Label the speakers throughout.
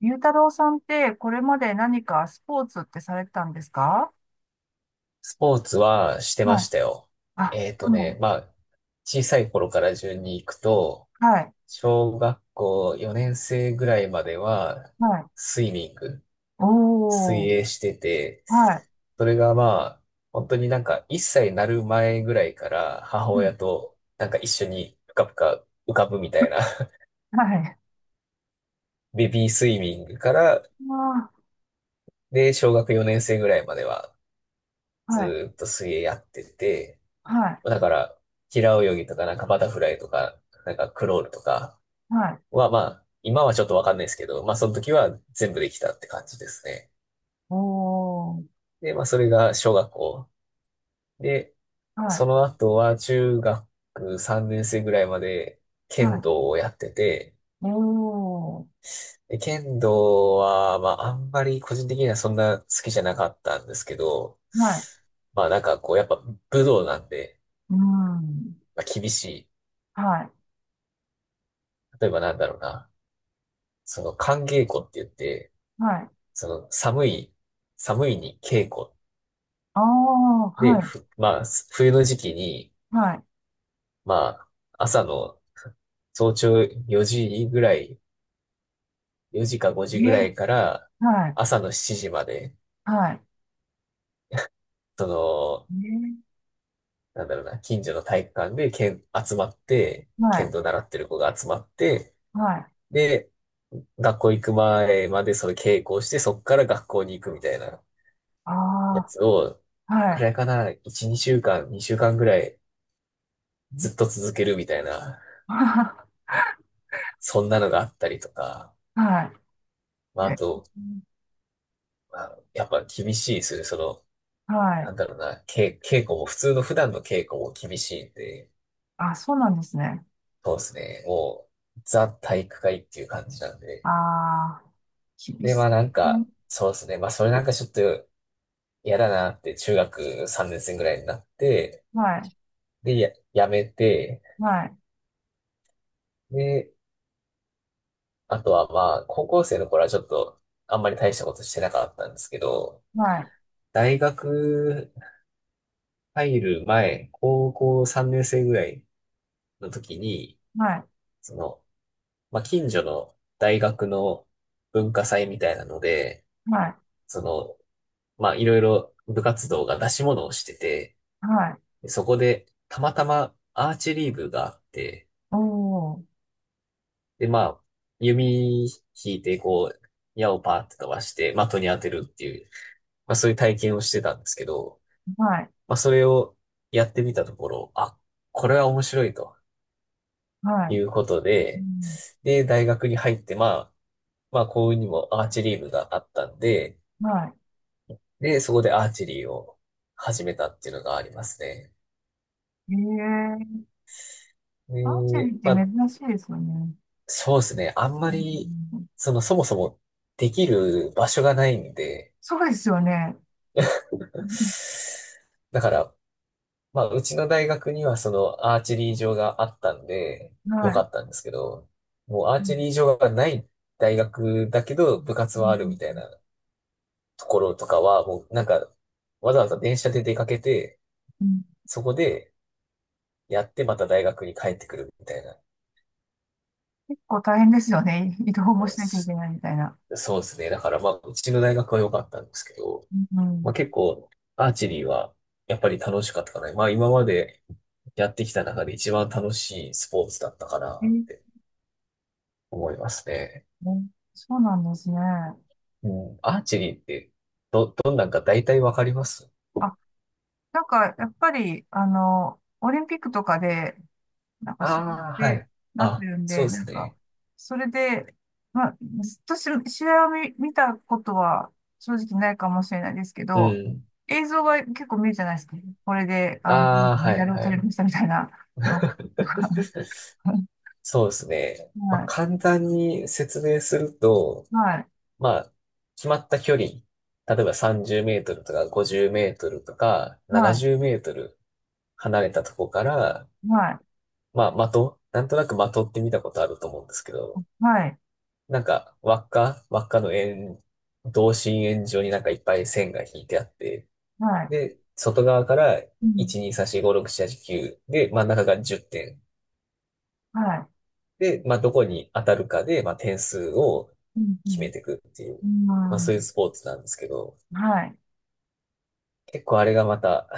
Speaker 1: ゆうたろうさんって、これまで何かスポーツってされてたんですか。
Speaker 2: スポーツはしてま
Speaker 1: はい。
Speaker 2: したよ。
Speaker 1: あ、
Speaker 2: えっと
Speaker 1: う
Speaker 2: ね、
Speaker 1: ん。
Speaker 2: まあ、小さい頃から順に行くと、
Speaker 1: はい。
Speaker 2: 小学校4年生ぐらいまでは、
Speaker 1: はい。
Speaker 2: スイミング、水
Speaker 1: おー。
Speaker 2: 泳してて、
Speaker 1: はい。
Speaker 2: それがまあ、本当になんか1歳になる前ぐらいから母
Speaker 1: う
Speaker 2: 親
Speaker 1: ん。
Speaker 2: となんか一緒にぷかぷか浮かぶみたいな
Speaker 1: はい。
Speaker 2: ベビースイミングから、
Speaker 1: あ
Speaker 2: で、小学4年生ぐらいまでは
Speaker 1: ー、
Speaker 2: ず
Speaker 1: はい。
Speaker 2: ーっと水泳やってて、
Speaker 1: は
Speaker 2: だ
Speaker 1: い。
Speaker 2: から、平泳ぎとか、なんかバタフライとか、なんかクロールとか
Speaker 1: はい。
Speaker 2: は、まあ、今はちょっとわかんないですけど、まあ、その時は全部できたって感じですね。
Speaker 1: おー。
Speaker 2: で、まあ、それが小学校。で、
Speaker 1: はい。
Speaker 2: その後は中学3年生ぐらいまで剣
Speaker 1: は
Speaker 2: 道をやってて、
Speaker 1: い。おー。
Speaker 2: で剣道は、まあ、あんまり個人的にはそんな好きじゃなかったんですけど、
Speaker 1: はい。
Speaker 2: まあ、なんかこう、やっぱ武道なんで、
Speaker 1: うん。
Speaker 2: まあ、厳しい。
Speaker 1: はい。
Speaker 2: 例えばなんだろうな。その、寒稽古って言って、
Speaker 1: はい。
Speaker 2: その寒い、寒いに稽古
Speaker 1: ああ、
Speaker 2: で、
Speaker 1: はい。
Speaker 2: まあ、冬の時期に、
Speaker 1: は
Speaker 2: まあ、朝の早朝4時ぐらい、4時か5時
Speaker 1: い。
Speaker 2: ぐら
Speaker 1: え
Speaker 2: いから
Speaker 1: ー、はい。
Speaker 2: 朝の7時まで、
Speaker 1: はい。
Speaker 2: その、
Speaker 1: え
Speaker 2: なんだろうな、近所の体育館で剣集まって、
Speaker 1: ー、は
Speaker 2: 剣
Speaker 1: い。
Speaker 2: 道習ってる子が集まって、
Speaker 1: はい。
Speaker 2: で、学校行く前までその稽古をして、そっから学校に行くみたいな
Speaker 1: あ
Speaker 2: やつを、
Speaker 1: ー。は
Speaker 2: く
Speaker 1: い。
Speaker 2: らいかな、1、2週間、2週間ぐらいずっと続けるみたいな そんなのがあったりとか、
Speaker 1: は
Speaker 2: ま
Speaker 1: い。
Speaker 2: あ、あ
Speaker 1: え
Speaker 2: と、まあ、やっぱ厳しいですよね。その、
Speaker 1: はいはいえはいはいああ、はい はいえ
Speaker 2: な
Speaker 1: は
Speaker 2: ん
Speaker 1: い。
Speaker 2: だろうな、稽古も、普通の普段の稽古も厳しいんで、
Speaker 1: あ、そうなんですね。
Speaker 2: そうですね。もう、ザ体育会っていう感じなんで。
Speaker 1: ああ、厳
Speaker 2: で、
Speaker 1: し
Speaker 2: まあなん
Speaker 1: いね。
Speaker 2: か、そうですね。まあそれなんかちょっと嫌だなって、中学3年生ぐらいになって、
Speaker 1: はい、
Speaker 2: で、やめて、
Speaker 1: はい、
Speaker 2: で、あとはまあ、高校生の頃はちょっと、あんまり大したことしてなかったんですけど、
Speaker 1: はい、
Speaker 2: 大学入る前、高校3年生ぐらい、の時に、
Speaker 1: はい、
Speaker 2: その、まあ、近所の大学の文化祭みたいなので、
Speaker 1: はい、
Speaker 2: その、まあ、いろいろ部活動が出し物をしてて、
Speaker 1: はい、
Speaker 2: でそこでたまたまアーチェリー部があって、
Speaker 1: おー、
Speaker 2: で、まあ、弓引いて、こう、矢をパーって飛ばして、的に当てるっていう、まあ、そういう体験をしてたんですけど、
Speaker 1: はい、
Speaker 2: まあ、それをやってみたところ、あ、これは面白いと
Speaker 1: は
Speaker 2: い
Speaker 1: い、
Speaker 2: うこと
Speaker 1: う
Speaker 2: で、
Speaker 1: ん、
Speaker 2: で、大学に入って、まあ、まあ、幸運にもアーチェリー部があったんで、
Speaker 1: は
Speaker 2: で、そこでアーチェリーを始めたっていうのがありますね。
Speaker 1: い。ええー。アーチェリ
Speaker 2: で、
Speaker 1: ーっ
Speaker 2: まあ、
Speaker 1: て珍しいですよね。
Speaker 2: そうですね。あんま
Speaker 1: う
Speaker 2: り、
Speaker 1: ん、
Speaker 2: その、そもそもできる場所がないんで、
Speaker 1: そうですよね。うん、
Speaker 2: だから、まあ、うちの大学にはそのアーチェリー場があったんで、よ
Speaker 1: は
Speaker 2: か
Speaker 1: い、
Speaker 2: ったんですけど、もうアー
Speaker 1: う
Speaker 2: チェ
Speaker 1: ん、
Speaker 2: リー場がない大学だけど、部活
Speaker 1: う
Speaker 2: はあるみた
Speaker 1: ん、
Speaker 2: いなところとかは、もうなんか、わざわざ電車で出かけて、
Speaker 1: うん。
Speaker 2: そこで、やってまた大学に帰ってくるみたいな。
Speaker 1: 結構大変ですよね。移動も
Speaker 2: う
Speaker 1: し
Speaker 2: ん
Speaker 1: なきゃい
Speaker 2: す
Speaker 1: けないみたいな。
Speaker 2: そうですね。だからまあ、うちの大学は良かったんですけど、
Speaker 1: う
Speaker 2: まあ
Speaker 1: ん、
Speaker 2: 結構、アーチェリーはやっぱり楽しかったかな。まあ今までやってきた中で一番楽しいスポーツだったか
Speaker 1: え
Speaker 2: なっ
Speaker 1: ー、
Speaker 2: て思いますね。
Speaker 1: ね、そうなんですね。
Speaker 2: うん。アーチェリーってどんなんか大体わかります？
Speaker 1: あ、なんか、やっぱり、あの、オリンピックとかで、なんか、そう
Speaker 2: ああー、は
Speaker 1: で、
Speaker 2: い。
Speaker 1: なって
Speaker 2: あ、
Speaker 1: るん
Speaker 2: そう
Speaker 1: で、
Speaker 2: で
Speaker 1: なん
Speaker 2: す
Speaker 1: か、
Speaker 2: ね。
Speaker 1: それで、まあ、ずっとし試合を見、見たことは正直ないかもしれないですけ
Speaker 2: う
Speaker 1: ど、
Speaker 2: ん。
Speaker 1: 映像が結構見るじゃないですか。これで、あの、
Speaker 2: ああ、は
Speaker 1: メダ
Speaker 2: い、
Speaker 1: ルを
Speaker 2: は
Speaker 1: 取り
Speaker 2: い。
Speaker 1: ましたみたいなのとか。はい、
Speaker 2: そうですね。まあ
Speaker 1: はい、
Speaker 2: 簡単に説明すると、まあ、決まった距離、例えば30メートルとか50メートルとか
Speaker 1: は
Speaker 2: 70
Speaker 1: い、
Speaker 2: メートル離れたとこから、
Speaker 1: はい、
Speaker 2: まあ、的、なんとなく的って見たことあると思うんですけど、
Speaker 1: はい、
Speaker 2: なんか、輪っか、輪っかの円、同心円状になんかいっぱい線が引いてあって、
Speaker 1: はい、
Speaker 2: で、外側から
Speaker 1: うん、
Speaker 2: 1、2、3、4、5、6、7、8、9で、真ん中が10点。
Speaker 1: は
Speaker 2: で、まあ、どこに当たるかで、まあ、点数を
Speaker 1: い、うん、
Speaker 2: 決めていくっていう、
Speaker 1: う
Speaker 2: まあ、
Speaker 1: ん、う
Speaker 2: そういう
Speaker 1: ん、
Speaker 2: スポーツなんですけど、
Speaker 1: はい。
Speaker 2: 結構あれがまた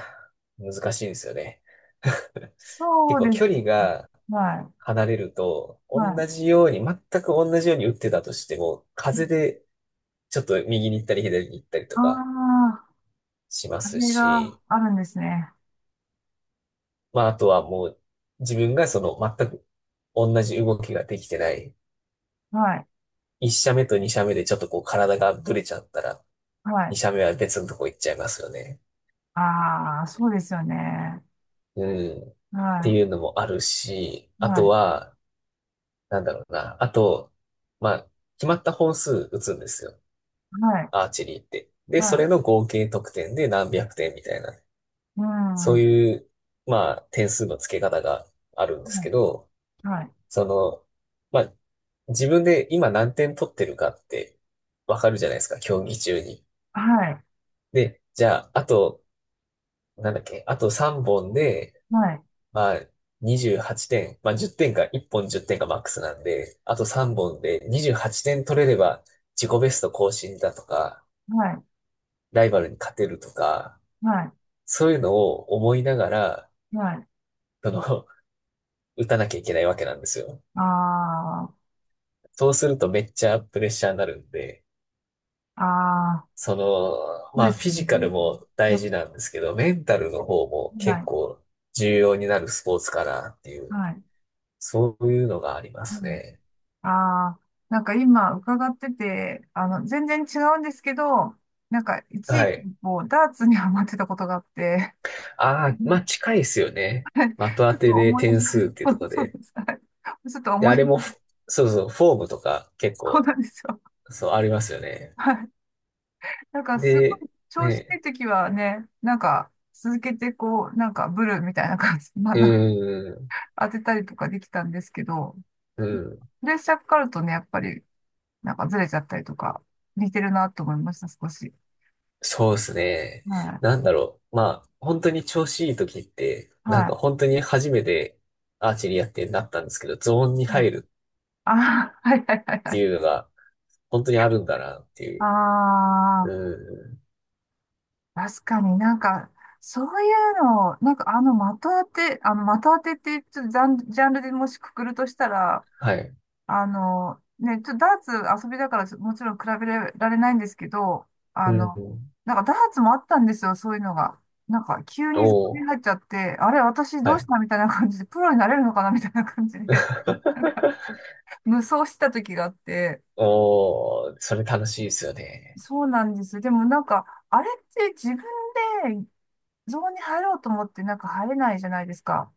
Speaker 2: 難しいんですよね。
Speaker 1: そ
Speaker 2: 結
Speaker 1: う
Speaker 2: 構
Speaker 1: で
Speaker 2: 距
Speaker 1: す。
Speaker 2: 離が
Speaker 1: は
Speaker 2: 離れると、
Speaker 1: い、
Speaker 2: 同
Speaker 1: はい。
Speaker 2: じように、全く同じように打ってたとしても、風でちょっと右に行ったり左に行ったり
Speaker 1: あ
Speaker 2: とか
Speaker 1: あ、
Speaker 2: しま
Speaker 1: あ
Speaker 2: す
Speaker 1: れが
Speaker 2: し、
Speaker 1: あるんですね。
Speaker 2: まああとはもう自分がその全く同じ動きができてない、
Speaker 1: はい。
Speaker 2: 一射目と二射目でちょっとこう体がぶれちゃったら、
Speaker 1: は
Speaker 2: 二
Speaker 1: い。
Speaker 2: 射目は別のとこ行っちゃいますよね。
Speaker 1: ああ、そうですよね。
Speaker 2: うん。って
Speaker 1: は
Speaker 2: いうのもあるし、
Speaker 1: い。
Speaker 2: あ
Speaker 1: は
Speaker 2: と
Speaker 1: い。
Speaker 2: は、なんだろうな。あと、まあ、決まった本数打つんですよ。
Speaker 1: はい。
Speaker 2: アーチェリーって。で、
Speaker 1: は
Speaker 2: それ
Speaker 1: い。
Speaker 2: の合計得点で何百点みたいな。
Speaker 1: うん。
Speaker 2: そう
Speaker 1: は
Speaker 2: いう、まあ、点数の付け方があるんですけ
Speaker 1: い。
Speaker 2: ど、
Speaker 1: はい。
Speaker 2: その、まあ、自分で今何点取ってるかってわかるじゃないですか、競技中に。で、じゃあ、あと、なんだっけ、あと3本で、
Speaker 1: はい。
Speaker 2: まあ、28点、まあ10点か、1本10点かマックスなんで、あと3本で28点取れれば自己ベスト更新だとか、
Speaker 1: はい。はい。
Speaker 2: ライバルに勝てるとか、
Speaker 1: は
Speaker 2: そういうのを思いながら、
Speaker 1: い。はい。
Speaker 2: その、打たなきゃいけないわけなんですよ。
Speaker 1: あ
Speaker 2: そうするとめっちゃプレッシャーになるんで、
Speaker 1: あ、ああ、
Speaker 2: その、
Speaker 1: そう
Speaker 2: ま
Speaker 1: で
Speaker 2: あ
Speaker 1: す
Speaker 2: フィ
Speaker 1: ね。
Speaker 2: ジカルも大
Speaker 1: な、
Speaker 2: 事なんですけど、メンタルの方も
Speaker 1: は
Speaker 2: 結
Speaker 1: い。
Speaker 2: 構重要になるスポーツかなっていう、
Speaker 1: はい。
Speaker 2: そういうのがありま
Speaker 1: う
Speaker 2: す
Speaker 1: ん、
Speaker 2: ね。
Speaker 1: ああ、なんか今伺ってて、あの、全然違うんですけど、なんか一
Speaker 2: は
Speaker 1: 時期
Speaker 2: い。
Speaker 1: こう、ダーツにハマってたことがあって、
Speaker 2: ああ、ま
Speaker 1: ち
Speaker 2: あ近いですよね。的当
Speaker 1: ょっ
Speaker 2: て
Speaker 1: と
Speaker 2: で
Speaker 1: 思い出し、
Speaker 2: 点数っていうとこ ろ
Speaker 1: そう
Speaker 2: で。
Speaker 1: です。はい、ちょっと
Speaker 2: で、
Speaker 1: 思
Speaker 2: あ
Speaker 1: い、
Speaker 2: れもフ、そうそう、フォームとか結
Speaker 1: そう
Speaker 2: 構、
Speaker 1: なんですよ。
Speaker 2: そう、ありますよ ね。
Speaker 1: はい。なんかすご
Speaker 2: で、
Speaker 1: い調子いい
Speaker 2: ね、
Speaker 1: 時はね、なんか続けてこう、なんかブルみたいな感じ、まあ
Speaker 2: う
Speaker 1: なんか
Speaker 2: ーん、
Speaker 1: 当てたりとかできたんですけど、
Speaker 2: うん、
Speaker 1: プレッシャーかかるとね、やっぱりなんかずれちゃったりとか、似てるなと思いました、少し。
Speaker 2: そうですね。
Speaker 1: は
Speaker 2: なんだろう。まあ、本当に調子いい時って、
Speaker 1: い。
Speaker 2: なん
Speaker 1: は
Speaker 2: か
Speaker 1: い。
Speaker 2: 本当に初めてアーチェリーやってなったんですけど、ゾーンに
Speaker 1: はい、
Speaker 2: 入る
Speaker 1: あー、はいはいはい
Speaker 2: っ
Speaker 1: は
Speaker 2: て
Speaker 1: い。
Speaker 2: いうのが、本当にあるんだなってい
Speaker 1: あ
Speaker 2: う。
Speaker 1: あ、
Speaker 2: うん、
Speaker 1: 確かになんか、そういうのを、なんかあの的当て、あの的当てってちょっとジャン、ジャンルでもしくくるとしたら、
Speaker 2: はい。
Speaker 1: あの、ね、ちょっとダーツ遊びだからちょもちろん比べられないんですけど、
Speaker 2: う
Speaker 1: あの、
Speaker 2: ん、
Speaker 1: なんかダーツもあったんですよ、そういうのが。なんか急にゾー
Speaker 2: お
Speaker 1: ンに
Speaker 2: ー、
Speaker 1: 入っちゃって、あれ、私ど
Speaker 2: は
Speaker 1: うし
Speaker 2: い。
Speaker 1: たみたいな感じで、プロになれるのかなみたいな感じで、なんか無双してた時があって、
Speaker 2: おー、それ楽しいですよね。
Speaker 1: そうなんです。でもなんか、あれって自分でゾーンに入ろうと思ってなんか入れないじゃないですか。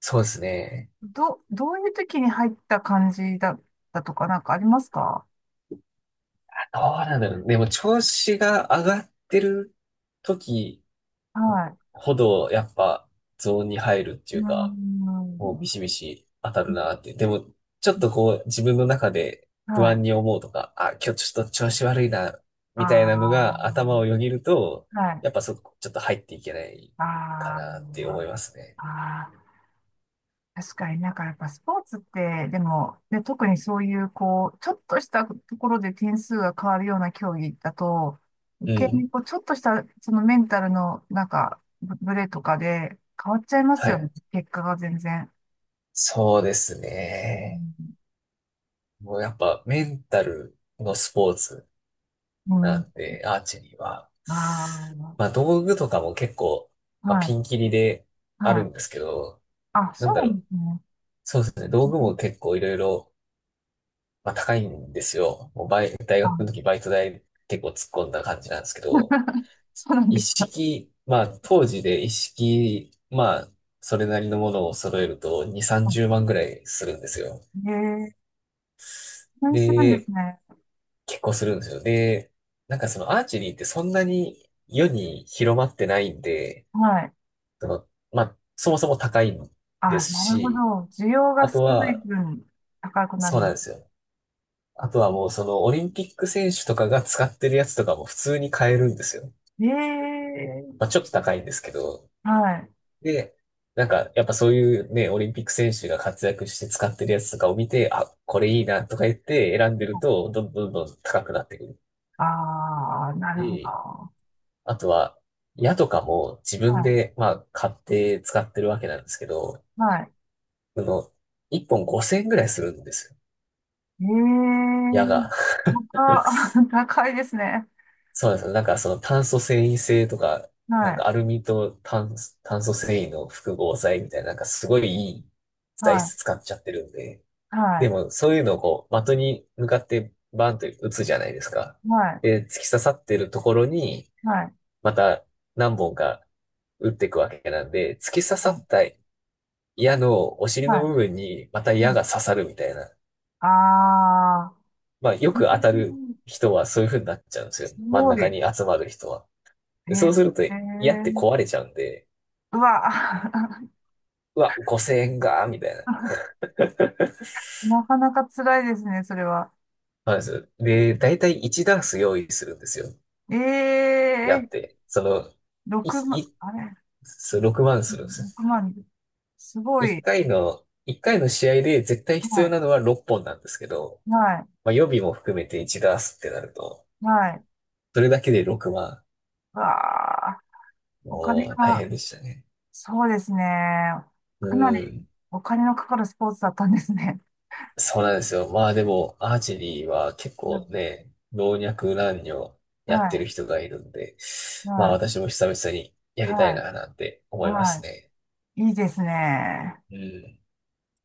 Speaker 2: そうですね。
Speaker 1: ど、どういう時に入った感じだったとかなんかありますか。
Speaker 2: どうなんだろう。でも調子が上がってる時
Speaker 1: はい。
Speaker 2: ほど、やっぱゾーンに入るって
Speaker 1: うー
Speaker 2: いうか、もう
Speaker 1: ん。
Speaker 2: ビシビシ当たるなって。でも、ちょっとこう自分の中で不
Speaker 1: はい。
Speaker 2: 安に思うとか、あ、今日ちょっと調子悪いな、み
Speaker 1: あ
Speaker 2: たいなのが頭をよぎると、
Speaker 1: あ、はい。
Speaker 2: やっぱそこちょっと入っていけない
Speaker 1: あ
Speaker 2: か
Speaker 1: あ、
Speaker 2: なって思
Speaker 1: ま、
Speaker 2: いますね。
Speaker 1: あ、あ、確かになんかやっぱスポーツって、でも、で、特にそういう、こう、ちょっとしたところで点数が変わるような競技だと、余
Speaker 2: う
Speaker 1: 計
Speaker 2: ん。
Speaker 1: にこう、ちょっとした、そのメンタルの、なんか、ブブレとかで変わっちゃいます
Speaker 2: は
Speaker 1: よね。
Speaker 2: い。
Speaker 1: 結果が全然。
Speaker 2: そうですね。
Speaker 1: う
Speaker 2: もうやっぱメンタルのスポーツ
Speaker 1: ん。う
Speaker 2: なん
Speaker 1: ん、
Speaker 2: で、アーチェリーは。
Speaker 1: あ
Speaker 2: まあ道具とかも結構、
Speaker 1: あ、
Speaker 2: まあ、
Speaker 1: はい、
Speaker 2: ピンキリであ
Speaker 1: は
Speaker 2: る
Speaker 1: い。
Speaker 2: んですけど、
Speaker 1: あ、
Speaker 2: な
Speaker 1: そ
Speaker 2: ん
Speaker 1: う
Speaker 2: だ
Speaker 1: な
Speaker 2: ろ
Speaker 1: んで
Speaker 2: う。
Speaker 1: すね。
Speaker 2: そうですね。道具も結構いろいろ、まあ、高いんですよ。もう大学の
Speaker 1: あ、
Speaker 2: 時バイト代結構突っ込んだ感じなんですけど、
Speaker 1: そうなん
Speaker 2: 一
Speaker 1: ですか。
Speaker 2: 式、まあ当時で一式、まあそれなりのものを揃えると2、30万ぐらいするんですよ。
Speaker 1: へえ、そうするんです
Speaker 2: で、
Speaker 1: ね。
Speaker 2: 結構するんですよ。で、なんかそのアーチェリーってそんなに世に広まってないんで、
Speaker 1: はい。
Speaker 2: その、まあ、そもそも高いんで
Speaker 1: あ、
Speaker 2: す
Speaker 1: なるほ
Speaker 2: し、
Speaker 1: ど。需要が
Speaker 2: あ
Speaker 1: 少
Speaker 2: と
Speaker 1: ない
Speaker 2: は、
Speaker 1: 分、高くな
Speaker 2: そ
Speaker 1: る。
Speaker 2: うなんですよ。あとはもうそのオリンピック選手とかが使ってるやつとかも普通に買えるんですよ。
Speaker 1: ええ、
Speaker 2: まあ、ちょっと高いんですけど。
Speaker 1: はい。
Speaker 2: で、なんかやっぱそういうね、オリンピック選手が活躍して使ってるやつとかを見て、あ、これいいなとか言って選んでると、どんどんどんどん高くなってくる
Speaker 1: ああ、なるほ
Speaker 2: し。
Speaker 1: ど。
Speaker 2: あとは、矢とかも自分
Speaker 1: は
Speaker 2: で、まあ、買って使ってるわけなんですけど、
Speaker 1: い、はい。
Speaker 2: その、1本5000円ぐらいするんですよ。
Speaker 1: ええ、
Speaker 2: 矢が。
Speaker 1: 高、高いですね。
Speaker 2: そうなんですよ。なんかその炭素繊維性とか、
Speaker 1: は
Speaker 2: なんか
Speaker 1: い、
Speaker 2: アルミと炭素繊維の複合材みたいな、なんかすごいいい材
Speaker 1: は
Speaker 2: 質使っちゃってるんで。
Speaker 1: い、は
Speaker 2: で
Speaker 1: い、
Speaker 2: もそういうのをこう、的に向かってバンと打つじゃないですか。
Speaker 1: はい、
Speaker 2: で、突き刺さってるところに、
Speaker 1: はい、
Speaker 2: また何本か打っていくわけなんで、突き刺さった矢のお尻の
Speaker 1: はい、
Speaker 2: 部分にまた矢
Speaker 1: はい。
Speaker 2: が刺さるみたいな。
Speaker 1: ああ
Speaker 2: まあ、よ
Speaker 1: ー、う
Speaker 2: く当たる
Speaker 1: ん、
Speaker 2: 人はそういう風になっちゃうんですよ。
Speaker 1: す
Speaker 2: 真ん
Speaker 1: ごい。
Speaker 2: 中
Speaker 1: え
Speaker 2: に集まる人は。
Speaker 1: え、
Speaker 2: でそうすると矢って
Speaker 1: ええ、
Speaker 2: 壊れちゃうんで、
Speaker 1: うわ、
Speaker 2: うわ、5000円が、みたいな。
Speaker 1: なかなか辛いですね、それは。
Speaker 2: まず、で、だいたい1ダース用意するんですよ。
Speaker 1: え
Speaker 2: 矢っ
Speaker 1: え、
Speaker 2: て。その、
Speaker 1: 六
Speaker 2: い、
Speaker 1: 6万、
Speaker 2: い、
Speaker 1: あれ
Speaker 2: そう6万するんです
Speaker 1: 6万人。すご
Speaker 2: よ。1
Speaker 1: い。
Speaker 2: 回の、一回の試合で絶対必
Speaker 1: は
Speaker 2: 要
Speaker 1: い。
Speaker 2: なのは6本なんですけど、
Speaker 1: は
Speaker 2: まあ、予備も含めて1ダースってなると、
Speaker 1: い。はい。
Speaker 2: それだけで6万。
Speaker 1: うわあ、お金
Speaker 2: もう大変
Speaker 1: が、
Speaker 2: でしたね。
Speaker 1: そうですね。
Speaker 2: う
Speaker 1: かなり
Speaker 2: ん。
Speaker 1: お金のかかるスポーツだったんですね。
Speaker 2: そうなんですよ。まあでも、アーチェリーは結
Speaker 1: う
Speaker 2: 構
Speaker 1: ん、
Speaker 2: ね、老若男女やってる
Speaker 1: は
Speaker 2: 人がいるんで、
Speaker 1: い。
Speaker 2: まあ
Speaker 1: はい。
Speaker 2: 私も久々にやりたい
Speaker 1: はい。
Speaker 2: ななんて思います
Speaker 1: は
Speaker 2: ね。
Speaker 1: い。いいですね。
Speaker 2: うん。